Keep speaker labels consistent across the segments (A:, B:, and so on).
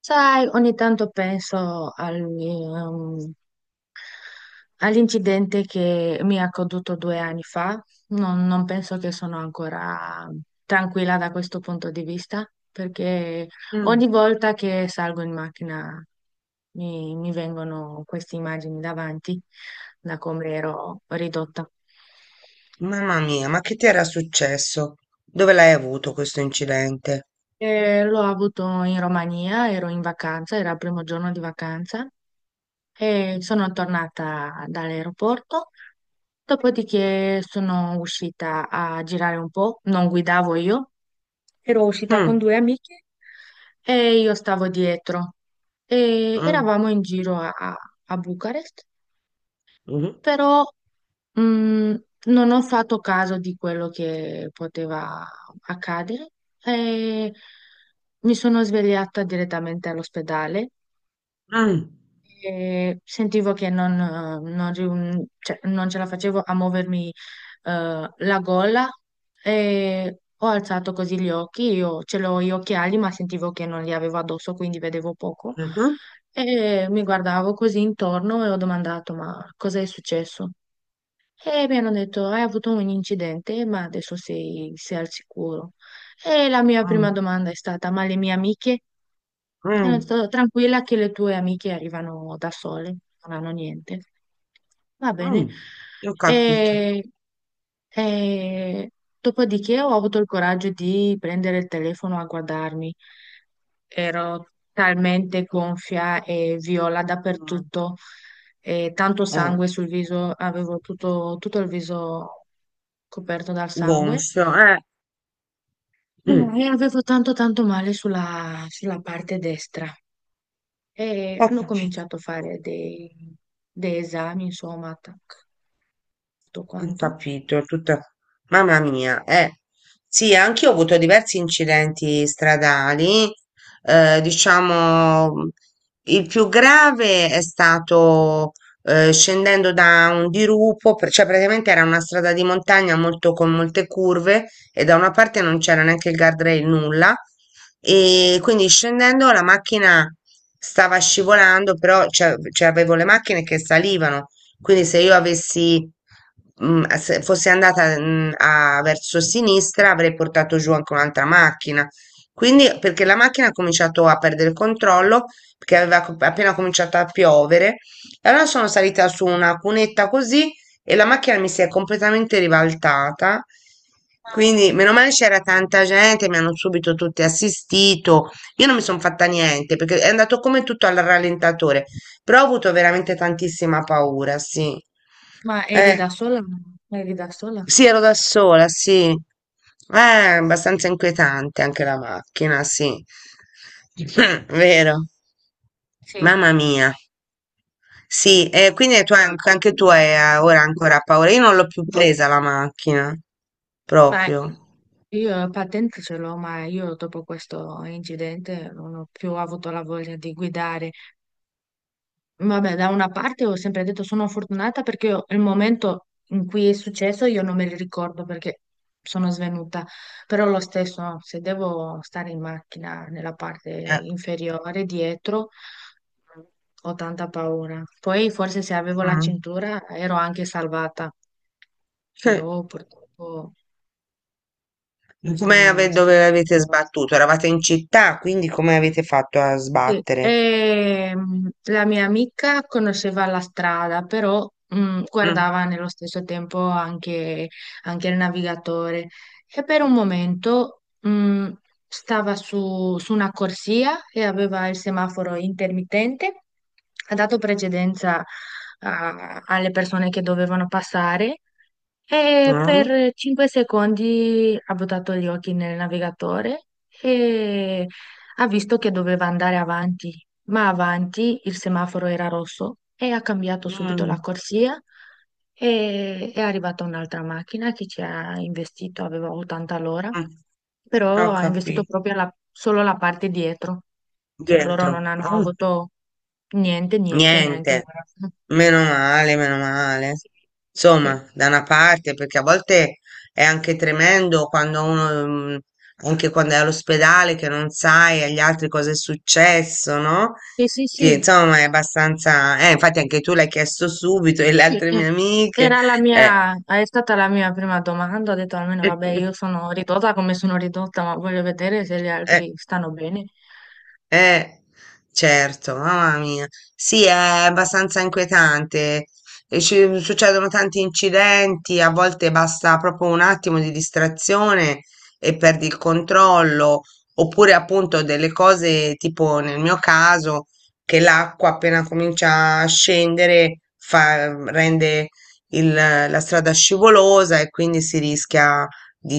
A: Sai, ogni tanto penso all'incidente che mi è accaduto due anni fa. Non penso che sono ancora tranquilla da questo punto di vista, perché
B: Mm.
A: ogni volta che salgo in macchina mi vengono queste immagini davanti, da come ero ridotta.
B: Mamma mia, ma che ti era successo? Dove l'hai avuto questo incidente?
A: E l'ho avuto in Romania, ero in vacanza, era il primo giorno di vacanza. E sono tornata dall'aeroporto. Dopodiché sono uscita a girare un po', non guidavo io, ero uscita con
B: Mm,
A: due amiche e io stavo dietro. E
B: mm,
A: eravamo in giro a Bucarest,
B: mhm,
A: però mh, non ho fatto caso di quello che poteva accadere e mi sono svegliata direttamente all'ospedale.
B: mm,
A: E sentivo che non, non riun- cioè, non ce la facevo a muovermi, la gola, e ho alzato così gli occhi, io ce l'ho gli occhiali ma sentivo che non li avevo addosso quindi vedevo poco,
B: mhm,
A: e mi guardavo così intorno e ho domandato ma cosa è successo? E mi hanno detto hai avuto un incidente ma adesso sei al sicuro. E la mia prima
B: mm,
A: domanda è stata ma le mie amiche? E hanno
B: mm,
A: detto, tranquilla che le tue amiche arrivano da sole, non hanno niente. Va
B: mm.
A: bene.
B: Ho capito.
A: E, e dopodiché ho avuto il coraggio di prendere il telefono a guardarmi. Ero talmente gonfia e viola
B: Mm.
A: dappertutto, e tanto
B: Eh.
A: sangue sul viso, avevo tutto il viso coperto dal sangue.
B: Gonfio, eh. Mm.
A: E avevo tanto tanto male sulla parte destra. E
B: Ho
A: hanno
B: capito.
A: cominciato a fare dei esami, insomma, tac, tutto
B: Ho
A: quanto.
B: capito, tutta. Mamma mia, eh. Sì, anch'io ho avuto diversi incidenti stradali. Diciamo, il più grave è stato scendendo da un dirupo, cioè praticamente era una strada di montagna molto, con molte curve, e da una parte non c'era neanche il guardrail, nulla. E quindi, scendendo, la macchina stava scivolando, però cioè, avevo le macchine che salivano, quindi se io avessi, se fossi andata, verso sinistra, avrei portato giù anche un'altra macchina. Quindi, perché la macchina ha cominciato a perdere il controllo, perché aveva appena cominciato a piovere, e allora sono salita su una cunetta così e la macchina mi si è completamente ribaltata.
A: Mamma
B: Quindi,
A: mia.
B: meno male c'era tanta gente, mi hanno subito tutti assistito. Io non mi sono fatta niente perché è andato come tutto al rallentatore. Però ho avuto veramente tantissima paura, sì.
A: Ma eri da
B: Eh,
A: sola? Eri da sola?
B: sì, ero da sola, sì. Abbastanza inquietante anche la macchina, sì. Vero.
A: Sì,
B: Mamma mia. Sì, e quindi tu anche, anche tu hai ora ancora paura. Io non l'ho più presa la macchina,
A: ma
B: proprio.
A: io la patente ce l'ho, ma io dopo questo incidente non ho più avuto la voglia di guidare. Vabbè, da una parte ho sempre detto sono fortunata perché io- il momento in cui è successo io non me li ricordo perché sono svenuta, però lo stesso, no, se devo stare in macchina nella parte
B: Eh.
A: inferiore, dietro, ho tanta paura. Poi forse se avevo la
B: Mm.
A: cintura ero anche salvata,
B: Sì.
A: però purtroppo non è stato.
B: Dove avete sbattuto? Eravate in città, quindi come avete fatto a
A: Sì,
B: sbattere?
A: la mia amica conosceva la strada, però
B: Mm.
A: guardava nello stesso tempo anche, anche il navigatore, e per un momento stava su una corsia e aveva il semaforo intermittente, ha dato precedenza alle persone che dovevano passare, e
B: Mm.
A: per 5 secondi ha buttato gli occhi nel navigatore. E ha visto che doveva andare avanti, ma avanti il semaforo era rosso e ha cambiato subito la
B: Mm,
A: corsia, e è arrivata un'altra macchina che ci ha investito, aveva 80 all'ora,
B: mm, ho
A: però ha investito
B: capito.
A: proprio la- solo la parte dietro, cioè loro non
B: Dietro.
A: hanno
B: Mm,
A: avuto niente, niente, neanche un
B: niente.
A: grafo.
B: Meno male, meno male.
A: Sì, sì,
B: Insomma, da una parte, perché a volte è anche tremendo quando uno, anche quando è all'ospedale, che non sai agli altri cosa è successo, no?
A: sì, sì.
B: Sì,
A: Sì.
B: insomma, è abbastanza. Infatti anche tu l'hai chiesto subito e le
A: Sì,
B: altre mie amiche.
A: era la
B: Eh.
A: mia, è stata la mia prima domanda, ho detto almeno vabbè io sono ridotta come sono ridotta, ma voglio vedere se gli
B: Eh.
A: altri stanno bene.
B: Eh, certo, mamma mia. Sì, è abbastanza inquietante. E ci succedono tanti incidenti, a volte basta proprio un attimo di distrazione e perdi il controllo, oppure appunto delle cose tipo nel mio caso che l'acqua appena comincia a scendere rende la strada scivolosa e quindi si rischia di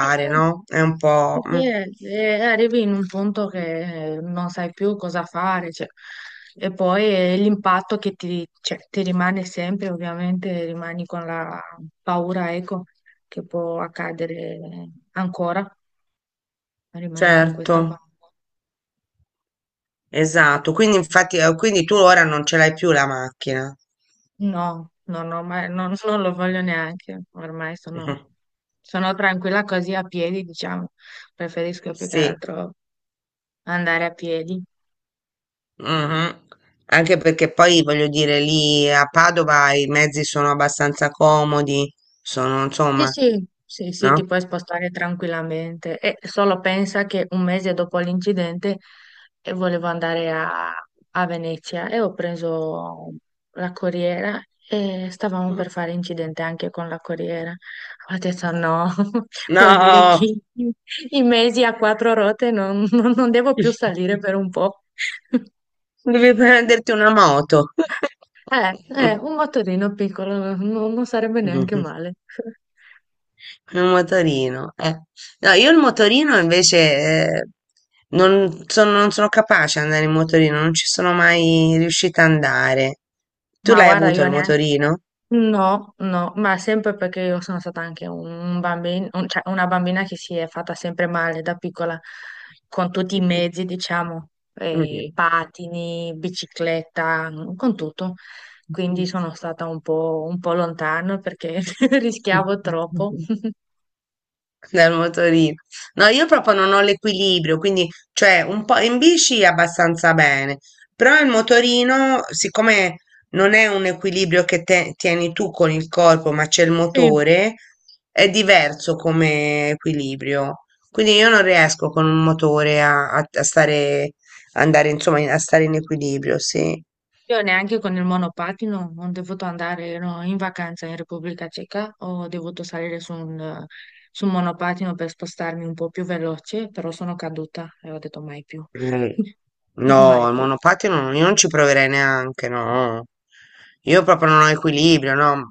A: Sì,
B: no? È un po'.
A: sì, sì,
B: Mm.
A: arrivi in un punto che non sai più cosa fare, cioè. E poi l'impatto che ti, cioè, ti rimane sempre, ovviamente rimani con la paura, ecco, che può accadere ancora, rimani con
B: Certo.
A: questa paura.
B: Esatto, quindi infatti, quindi tu ora non ce l'hai più la macchina.
A: No, no, no, ma non lo voglio neanche. Ormai sono tranquilla così a piedi, diciamo. Preferisco più che
B: Sì,
A: altro andare a piedi.
B: mhm. Anche perché poi voglio dire, lì a Padova i mezzi sono abbastanza comodi, sono
A: Sì,
B: insomma,
A: sì, sì, sì, ti
B: no?
A: puoi spostare tranquillamente. E solo pensa che un mese dopo l'incidente volevo andare a Venezia e ho preso la corriera e stavamo per fare incidente anche con la corriera. Ho detto no, vuol dire
B: No,
A: che i mesi a quattro ruote non devo più salire per un po'.
B: devi prenderti una moto.
A: Eh, un motorino piccolo non sarebbe neanche male.
B: È un motorino, eh. No, io il motorino invece eh, non sono capace ad andare in motorino, non ci sono mai riuscita ad andare. Tu
A: Ma
B: l'hai
A: guarda,
B: avuto
A: io
B: il
A: neanche...
B: motorino?
A: No, no, ma sempre perché io sono stata anche un bambino, cioè una bambina che si è fatta sempre male da piccola con tutti i mezzi, diciamo, patini, bicicletta, con tutto. Quindi sono stata un po' lontano perché rischiavo troppo.
B: Mm. Dal motorino. No, io proprio non ho l'equilibrio, quindi, cioè, un po' in bici abbastanza bene, però il motorino, siccome non è un equilibrio che tieni tu con il corpo, ma c'è il
A: Sì.
B: motore, è diverso come equilibrio. Quindi io non riesco con un motore a stare, andare, insomma, a stare in equilibrio, sì.
A: Io neanche con il monopattino non dovuto andare, ero in vacanza in Repubblica Ceca, ho dovuto salire su su un monopattino per spostarmi un po' più veloce, però sono caduta e ho detto mai più,
B: Mm. No,
A: mai
B: il
A: più.
B: monopattino io non ci proverei neanche, no. Io proprio non ho equilibrio, no.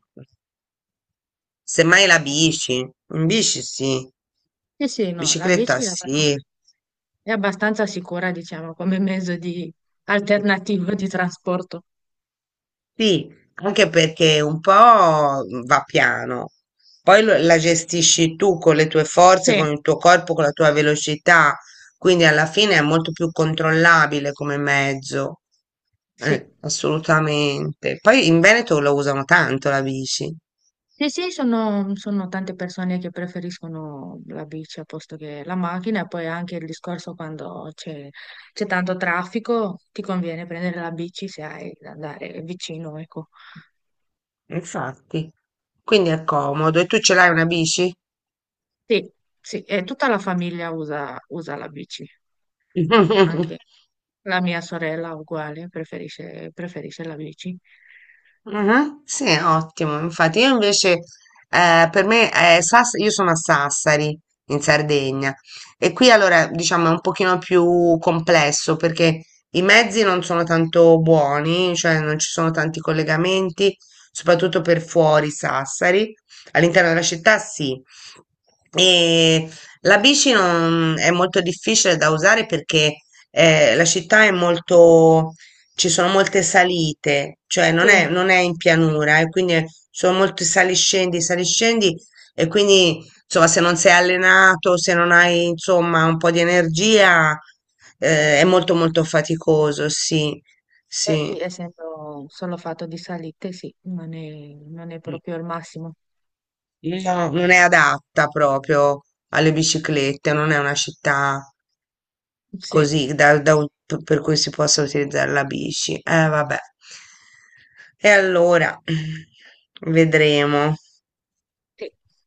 B: Semmai la bici, in bici sì,
A: Sì, sì, no, la bici
B: bicicletta sì.
A: è abbastanza sicura, diciamo, come mezzo di alternativo di trasporto.
B: Sì, anche perché un po' va piano, poi la gestisci tu con le tue forze,
A: Sì,
B: con il tuo corpo, con la tua velocità, quindi alla fine è molto più controllabile come mezzo.
A: sì.
B: Assolutamente. Poi in Veneto lo usano tanto la bici,
A: Sì, sì, sono, sono tante persone che preferiscono la bici a posto che la macchina e poi anche il discorso quando c'è tanto traffico, ti conviene prendere la bici se hai da andare vicino, ecco.
B: infatti, quindi è comodo. E tu ce l'hai una bici?
A: Sì, sì, e tutta la famiglia usa la bici, anche la mia sorella uguale, preferisce la bici.
B: Mhm, sì, ottimo. Infatti, io invece, per me, io sono a Sassari, in Sardegna, e qui allora diciamo è un pochino più complesso perché i mezzi non sono tanto buoni, cioè non ci sono tanti collegamenti, soprattutto per fuori Sassari. All'interno della città sì. E la bici è molto difficile da usare perché la città è molto, ci sono molte salite, cioè
A: Sì,
B: non
A: eh
B: è, non è in pianura, e quindi sono molti saliscendi, saliscendi, e quindi insomma, se non sei allenato, se non hai insomma un po' di energia, è molto molto faticoso, sì,
A: sì,
B: sì.
A: essendo solo fatto di salite, sì, non è proprio il massimo.
B: No, non è adatta proprio alle biciclette, non è una città.
A: Sì,
B: Così, da un p per cui si possa utilizzare la bici. Vabbè. E allora vedremo.
A: sì.